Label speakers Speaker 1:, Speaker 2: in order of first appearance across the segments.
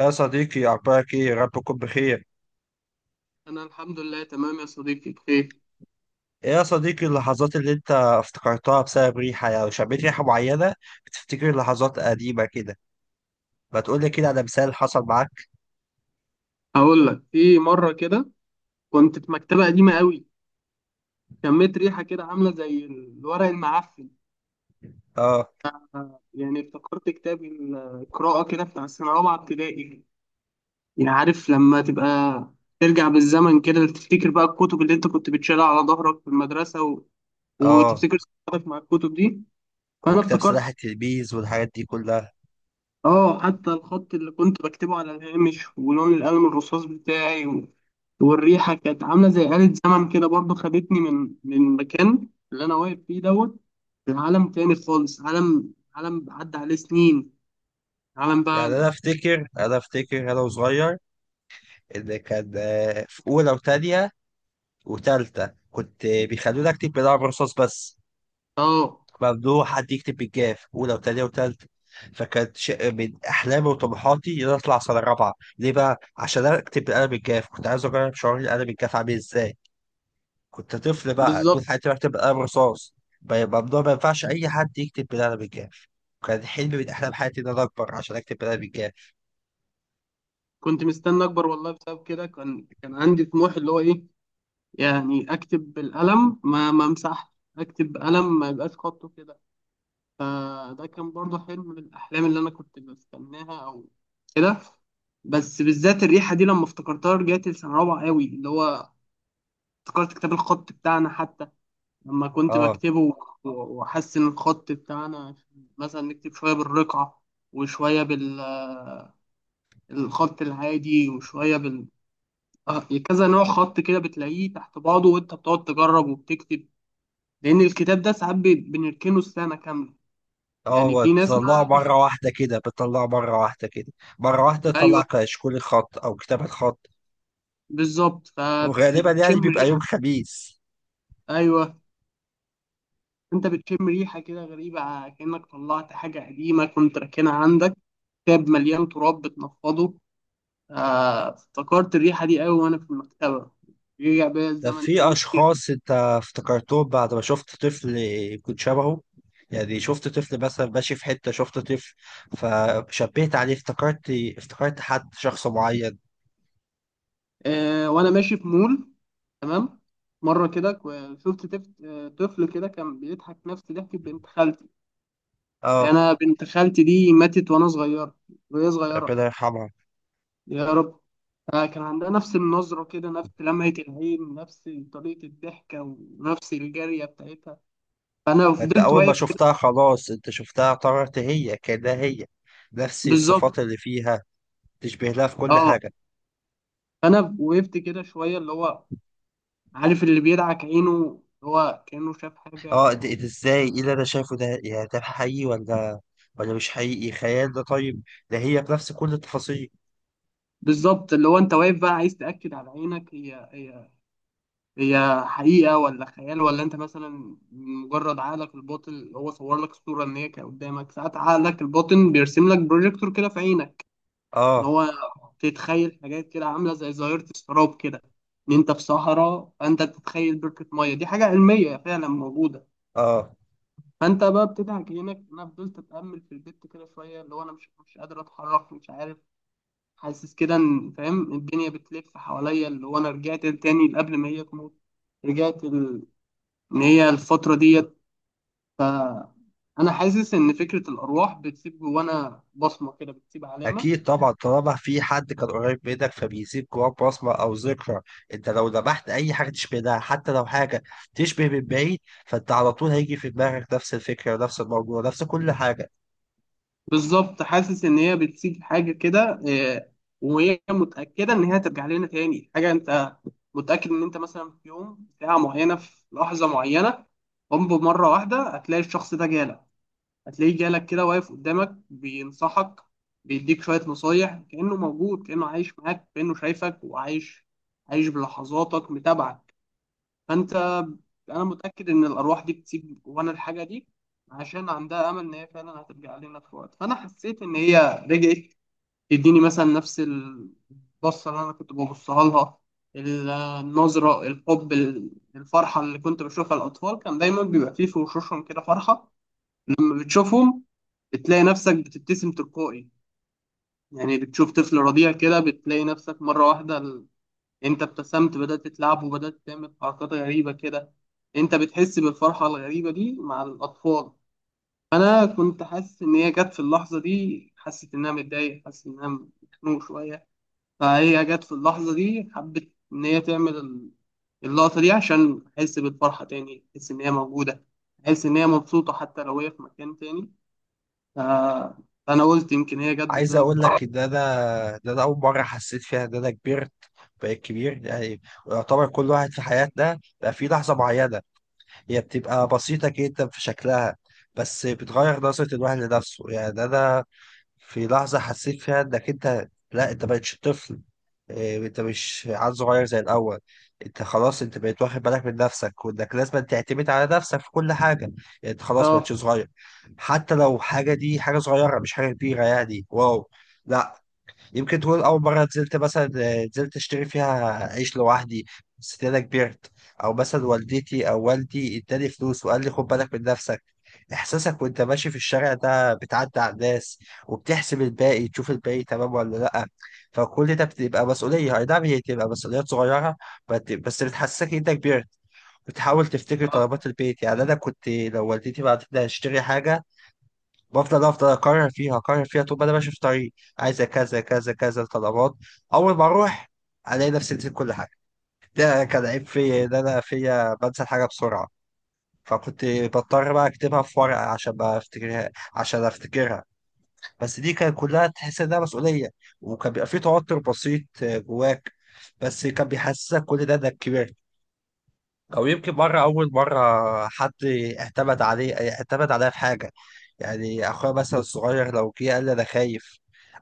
Speaker 1: يا صديقي أخبارك إيه؟ يا رب تكون بخير.
Speaker 2: انا الحمد لله تمام يا صديقي بخير.
Speaker 1: إيه يا صديقي اللحظات اللي أنت افتكرتها بسبب ريحة، يعني لو شميت ريحة معينة بتفتكر لحظات قديمة كده، ما تقول لي كده على مثال حصل معاك؟
Speaker 2: هقول لك في مره كده، كنت في مكتبه قديمه قوي، شميت ريحه كده عامله زي الورق المعفن.
Speaker 1: آه،
Speaker 2: يعني افتكرت كتاب القراءه كده بتاع السنه الرابعه ابتدائي. يعني عارف لما تبقى ترجع بالزمن كده، تفتكر بقى الكتب اللي انت كنت بتشيلها على ظهرك في المدرسه و...
Speaker 1: آه.
Speaker 2: وتفتكر ذكرياتك مع الكتب دي، فانا
Speaker 1: وكتاب
Speaker 2: افتكرت.
Speaker 1: سلاح التلميذ والحاجات دي كلها.
Speaker 2: اه حتى الخط اللي كنت بكتبه على الهامش ولون القلم الرصاص بتاعي، والريحه كانت عامله زي آلة زمن كده، برضو خدتني من المكان اللي انا واقف فيه دوت لعالم تاني خالص، عالم عدى عليه سنين، عالم
Speaker 1: يعني
Speaker 2: بقى.
Speaker 1: أنا أفتكر أنا وصغير إن كان في أولى وتانية وتالتة كنت بيخلونا أكتب بلعب رصاص بس.
Speaker 2: اه
Speaker 1: ممنوع حد يكتب بالجاف اولى وثانيه وثالثه، فكانت شيء من احلامي وطموحاتي ان انا اطلع سنه رابعه. ليه بقى؟ عشان انا اكتب بالقلم الجاف، كنت عايز اجرب شعور القلم الجاف عامل ازاي. كنت طفل بقى طول
Speaker 2: بالظبط.
Speaker 1: حياتي بكتب بالقلم رصاص. ممنوع، ما ينفعش اي حد يكتب بالقلم الجاف. كان حلم من احلام حياتي ان انا اكبر عشان اكتب بالقلم الجاف.
Speaker 2: كنت مستني اكبر والله، بسبب كده كان عندي طموح اللي هو ايه؟ يعني اكتب بالقلم ما امسحش، اكتب بقلم ما يبقاش خطه كده. فده كان برضو حلم من الاحلام اللي انا كنت بستناها، او كده. بس بالذات الريحه دي لما افتكرتها، رجعت السنه رابعه قوي، اللي هو افتكرت كتاب الخط بتاعنا حتى. لما كنت
Speaker 1: اه،
Speaker 2: بكتبه وأحسن الخط بتاعنا، مثلا نكتب شوية بالرقعة، وشوية بالخط العادي، وشوية بال آه، كذا نوع خط كده بتلاقيه تحت بعضه، وأنت بتقعد تجرب وبتكتب، لأن الكتاب ده ساعات بنركنه السنة كاملة.
Speaker 1: اه.
Speaker 2: يعني
Speaker 1: هو
Speaker 2: في ناس
Speaker 1: بتطلعه
Speaker 2: ما.
Speaker 1: مرة واحدة كده، بتطلعه مرة واحدة كده، مرة واحدة تطلع
Speaker 2: أيوه،
Speaker 1: كشكول الخط أو كتابة الخط.
Speaker 2: بالظبط،
Speaker 1: وغالبا يعني
Speaker 2: فبتشم
Speaker 1: بيبقى يوم
Speaker 2: ريحة.
Speaker 1: خميس.
Speaker 2: أيوه. أنت بتشم ريحة كده غريبة، كأنك طلعت حاجة قديمة كنت راكنها عندك، كتاب مليان تراب بتنفضه. افتكرت الريحة دي قوي وأنا في المكتبة، رجع بيا
Speaker 1: ده
Speaker 2: الزمن
Speaker 1: في
Speaker 2: سنين.
Speaker 1: اشخاص انت افتكرتهم بعد ما شفت طفل كنت شبهه، يعني شفت طفل مثلا ماشي في حتة، شفت طفل فشبهت عليه، افتكرت حد شخص معين.
Speaker 2: وأنا ماشي في مول. تمام. مرة كده كو- شفت تف- آه، طفل كده كان بيضحك نفس ضحكة بنت خالتي.
Speaker 1: اه.
Speaker 2: أنا بنت خالتي دي ماتت وأنا صغيرة، وهي صغيرة.
Speaker 1: ربنا يرحمها.
Speaker 2: يا رب. كان عندها نفس النظرة كده، نفس لمعة العين، نفس طريقة الضحكة، ونفس الجارية بتاعتها. فأنا
Speaker 1: انت
Speaker 2: فضلت
Speaker 1: اول ما
Speaker 2: واقف كده.
Speaker 1: شفتها خلاص انت شفتها اعتبرت هي كأنها هي، نفس
Speaker 2: بالظبط.
Speaker 1: الصفات اللي فيها، تشبه لها في كل
Speaker 2: اه.
Speaker 1: حاجة.
Speaker 2: فأنا وقفت كده شوية، اللي هو عارف اللي بيدعك عينه، هو كأنه شاف حاجة
Speaker 1: اه، ده
Speaker 2: عايز-.
Speaker 1: ده ازاي، ايه اللي انا شايفه ده؟ يعني ده حقيقي ولا مش حقيقي، خيال؟ ده طيب، ده هي بنفس كل التفاصيل.
Speaker 2: بالظبط، اللي هو انت واقف بقى عايز تأكد على عينك، هي هي، هي حقيقة ولا خيال؟ ولا انت مثلا مجرد عقلك الباطن هو صور لك صورة ان هي كانت قدامك. ساعات عقلك الباطن بيرسم لك بروجيكتور كده في عينك ان
Speaker 1: اه،
Speaker 2: هو تتخيل حاجات كده عاملة زي ظاهرة السراب كده، ان انت في صحراء فانت بتتخيل بركة مية، دي حاجة علمية فعلا موجودة.
Speaker 1: اه.
Speaker 2: فانت بقى بتدعك عينك. انا فضلت اتأمل في البيت كده شوية، اللي هو انا مش قادر اتحرك، مش عارف، حاسس كده ان فاهم الدنيا بتلف حواليا، اللي هو انا رجعت تاني قبل ما هي تموت، رجعت ال... ان هي الفترة ديت. فانا حاسس ان فكرة الارواح بتسيب جوانا بصمة كده، بتسيب علامة.
Speaker 1: أكيد طبعا، طالما في حد كان قريب منك فبيسيب جواك بصمة أو ذكرى، أنت لو ذبحت أي حاجة تشبه ده، حتى لو حاجة تشبه من بعيد، فأنت على طول هيجي في دماغك نفس الفكرة، نفس الموضوع، نفس كل حاجة.
Speaker 2: بالظبط، حاسس ان هي بتسيب حاجة كده. وهي متأكدة ان هي ترجع لنا تاني. حاجة انت متأكد ان انت مثلا في يوم، في ساعة معينة، في لحظة معينة، قم بمرة واحدة هتلاقي الشخص ده جالك، هتلاقيه جالك كده واقف قدامك بينصحك، بيديك شوية نصايح، كأنه موجود، كأنه عايش معاك، كأنه شايفك وعايش، عايش بلحظاتك متابعك. فأنت، أنا متأكد إن الأرواح دي بتسيب جوانا الحاجة دي عشان عندها أمل إن هي فعلا هترجع لنا في وقت. فأنا حسيت إن هي رجعت، تديني مثلا نفس البصة اللي أنا كنت ببصها لها، النظرة، الحب، الفرحة اللي كنت بشوفها. الأطفال كان دايما بيبقى فيه في وشوشهم كده فرحة لما بتشوفهم، بتلاقي نفسك بتبتسم تلقائي. يعني بتشوف طفل رضيع كده، بتلاقي نفسك مرة واحدة انت ابتسمت، بدأت تلعب وبدأت تعمل حركات غريبة كده. انت بتحس بالفرحة الغريبة دي مع الأطفال. أنا كنت حاسس إن هي جت في اللحظة دي، حسيت إنها متضايقة، حاسس إنها مخنوق شوية، فهي جت في اللحظة دي حبت إن هي تعمل اللقطة دي عشان أحس بالفرحة تاني، أحس إن هي موجودة، أحس إن هي مبسوطة حتى لو هي في مكان تاني. آه، انا قلت يمكن هي جت
Speaker 1: عايز
Speaker 2: بسبب.
Speaker 1: أقول لك إن أنا أول مرة حسيت فيها إن أنا كبرت، بقيت كبير يعني. ويعتبر كل واحد في حياتنا بقى في لحظة معينة، هي بتبقى بسيطة جدا في شكلها، بس بتغير نظرة الواحد لنفسه، يعني أنا في لحظة حسيت فيها إنك أنت، لا، أنت مبقتش طفل. إيه، انت مش عيل صغير زي الاول، انت خلاص انت بقيت واخد بالك من نفسك، وانك لازم تعتمد على نفسك في كل حاجه، يعني انت خلاص بقيتش
Speaker 2: اه.
Speaker 1: صغير، حتى لو حاجه، دي حاجه صغيره مش حاجه كبيره، يعني واو. لا، يمكن تقول أول مرة نزلت مثلا، نزلت أشتري فيها عيش لوحدي، حسيت أنا كبرت. أو مثلا والدتي أو والدي اداني فلوس وقال لي خد بالك من نفسك، إحساسك وأنت ماشي في الشارع ده بتعدي على الناس وبتحسب الباقي، تشوف الباقي تمام ولا لأ، فكل ده بتبقى مسؤولية، أي نعم هي تبقى مسؤوليات صغيرة، بس بتحسسك إن أنت كبرت. بتحاول تفتكر
Speaker 2: اه.
Speaker 1: طلبات البيت، يعني انا كنت لو والدتي بعتت لي هشتري حاجه، افضل اكرر فيها طول ما انا ماشي في طريق، عايزه كذا كذا كذا طلبات، اول ما اروح الاقي نفسي نسيت كل حاجه. ده كان عيب فيا ان انا فيا بنسى الحاجه بسرعه، فكنت بضطر بقى اكتبها في ورقه عشان ما افتكرها عشان افتكرها. بس دي كانت كلها تحس انها مسؤوليه، وكان بيبقى في توتر بسيط جواك، بس كان بيحسسك كل ده انك كبرت. او يمكن مره، اول مره حد اعتمد عليا في حاجه، يعني اخويا مثلا الصغير لو جه قال لي انا خايف،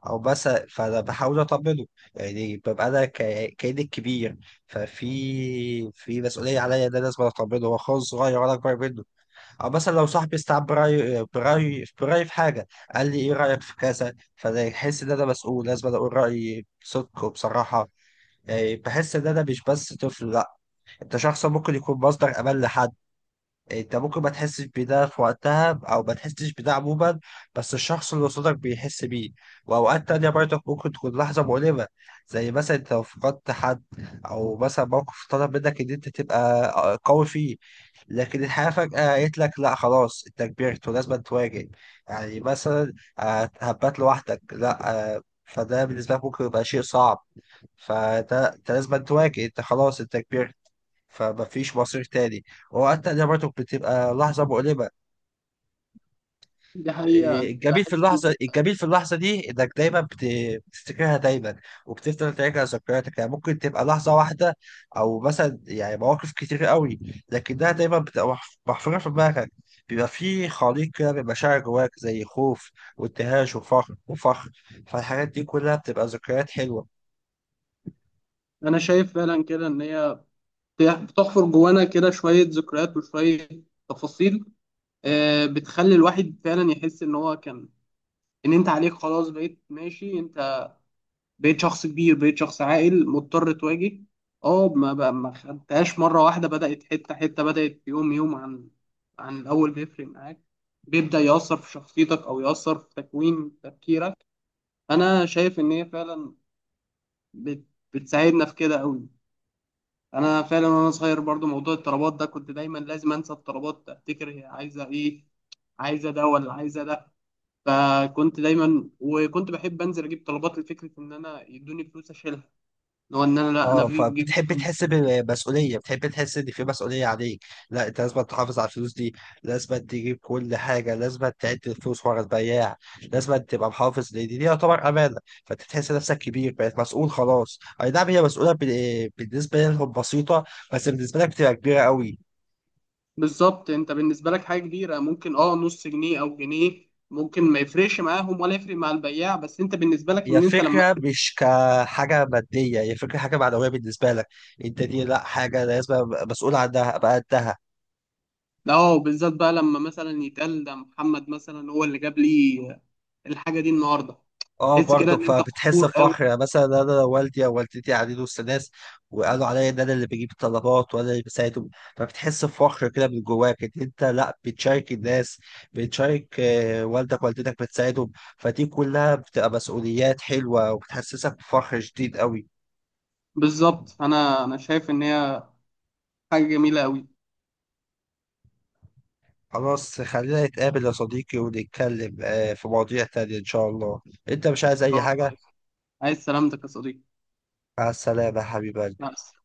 Speaker 1: او مثلا، فانا بحاول اطمنه، يعني ببقى انا كاني الكبير، ففي مسؤوليه عليا ان انا لازم اطمنه، هو اخويا الصغير وانا اكبر منه. او مثلا لو صاحبي استعب برايي في حاجه، قال لي ايه رايك في كذا، فانا يحس ان انا مسؤول، لازم أنا اقول رايي بصدق وبصراحه، يعني بحس ان انا مش بس طفل، لا، انت شخص ممكن يكون مصدر امان لحد. انت ممكن ما تحسش بده في وقتها، او ما تحسش بده عموما، بس الشخص اللي قصادك بيحس بيه. واوقات تانية برضك ممكن تكون لحظة مؤلمة، زي مثلا انت لو فقدت حد، او مثلا موقف طلب منك ان انت تبقى قوي فيه، لكن الحياة فجأة قالت لك لا، خلاص انت كبرت ولازم تواجه. يعني مثلا هبات لوحدك، لا فده بالنسبة لك ممكن يبقى شيء صعب، فده انت لازم تواجه، انت خلاص انت كبرت، فمفيش مصير تاني، وحتى ده برضه بتبقى لحظة مؤلمة.
Speaker 2: دي حقيقة
Speaker 1: إيه،
Speaker 2: أنا
Speaker 1: الجميل
Speaker 2: بحس
Speaker 1: في
Speaker 2: إن،
Speaker 1: اللحظة الجميل في اللحظة دي إنك دايما بتفتكرها دايما، وبتفضل تراجع ذكرياتك، يعني ممكن تبقى لحظة واحدة، أو مثلا يعني مواقف كتير قوي، لكنها دايما بتبقى محفورة في دماغك، بيبقى في خليط كده من مشاعر جواك، زي خوف وابتهاج وفخر، فالحاجات دي كلها بتبقى ذكريات حلوة.
Speaker 2: أنا شايف فعلا كده إن هي بتحفر جوانا كده شوية ذكريات وشوية تفاصيل. بتخلي الواحد فعلا يحس إن هو كان، إن أنت عليك خلاص، بقيت ماشي. أنت بقيت شخص كبير، بقيت شخص عاقل مضطر تواجه. أه، ما بقى ما خدتهاش مرة واحدة، بدأت حتة حتة، بدأت يوم يوم، عن عن الأول بيفرق معاك، بيبدأ يأثر في شخصيتك أو يأثر في تكوين تفكيرك. انا شايف ان هي فعلا بت... بتساعدنا في كده قوي. انا فعلا وانا صغير برضو، موضوع الطلبات ده كنت دايما لازم انسى الطلبات، افتكر هي عايزه ايه، عايزه ده ولا عايزه ده. فكنت دايما وكنت بحب انزل اجيب طلبات، لفكره ان انا يدوني فلوس اشيلها، اللي هو ان انا، لا انا
Speaker 1: اه،
Speaker 2: في جيب
Speaker 1: فبتحب تحس
Speaker 2: فلوس.
Speaker 1: بمسؤوليه، بتحب تحس ان في مسؤوليه عليك، لا انت لازم تحافظ على الفلوس دي، لازم تجيب كل حاجه، لازم تعد الفلوس ورا البياع، لازم تبقى محافظ لان دي يعتبر امانه، فانت تحس نفسك كبير، بقيت مسؤول خلاص، اي نعم هي مسؤوله بالنسبه لهم بسيطه، بس بالنسبه لك بتبقى كبيره قوي.
Speaker 2: بالظبط. انت بالنسبه لك حاجه كبيره ممكن اه نص جنيه او جنيه، ممكن ما يفرقش معاهم ولا يفرق مع البياع، بس انت بالنسبه لك
Speaker 1: هي
Speaker 2: ان انت لما،
Speaker 1: فكرة مش كحاجة مادية، هي فكرة حاجة معنوية بالنسبة لك، انت دي لا، حاجة لازم أبقى مسؤول عنها، ابقى قدها.
Speaker 2: لا اه بالذات بقى لما مثلا يتقال ده محمد مثلا هو اللي جاب لي الحاجه دي النهارده.
Speaker 1: اه،
Speaker 2: تحس كده
Speaker 1: برضك
Speaker 2: ان انت
Speaker 1: فبتحس
Speaker 2: فخور قوي.
Speaker 1: بفخر، يعني مثلا انا لو والدي او والدتي قاعدين وسط ناس وقالوا عليا ان انا اللي بجيب الطلبات وانا اللي بساعدهم، فبتحس بفخر كده من جواك، ان انت لا بتشارك الناس، بتشارك والدك والدتك، بتساعدهم، فدي كلها بتبقى مسؤوليات حلوة وبتحسسك بفخر شديد قوي.
Speaker 2: بالظبط. انا شايف ان هي حاجه جميله قوي. ان
Speaker 1: خلاص خلينا نتقابل يا صديقي ونتكلم في مواضيع تانية ان شاء الله، انت مش عايز
Speaker 2: شاء
Speaker 1: اي حاجة؟
Speaker 2: الله. عايز سلامتك يا صديقي.
Speaker 1: مع السلامة يا
Speaker 2: مع
Speaker 1: حبيبي
Speaker 2: السلامة.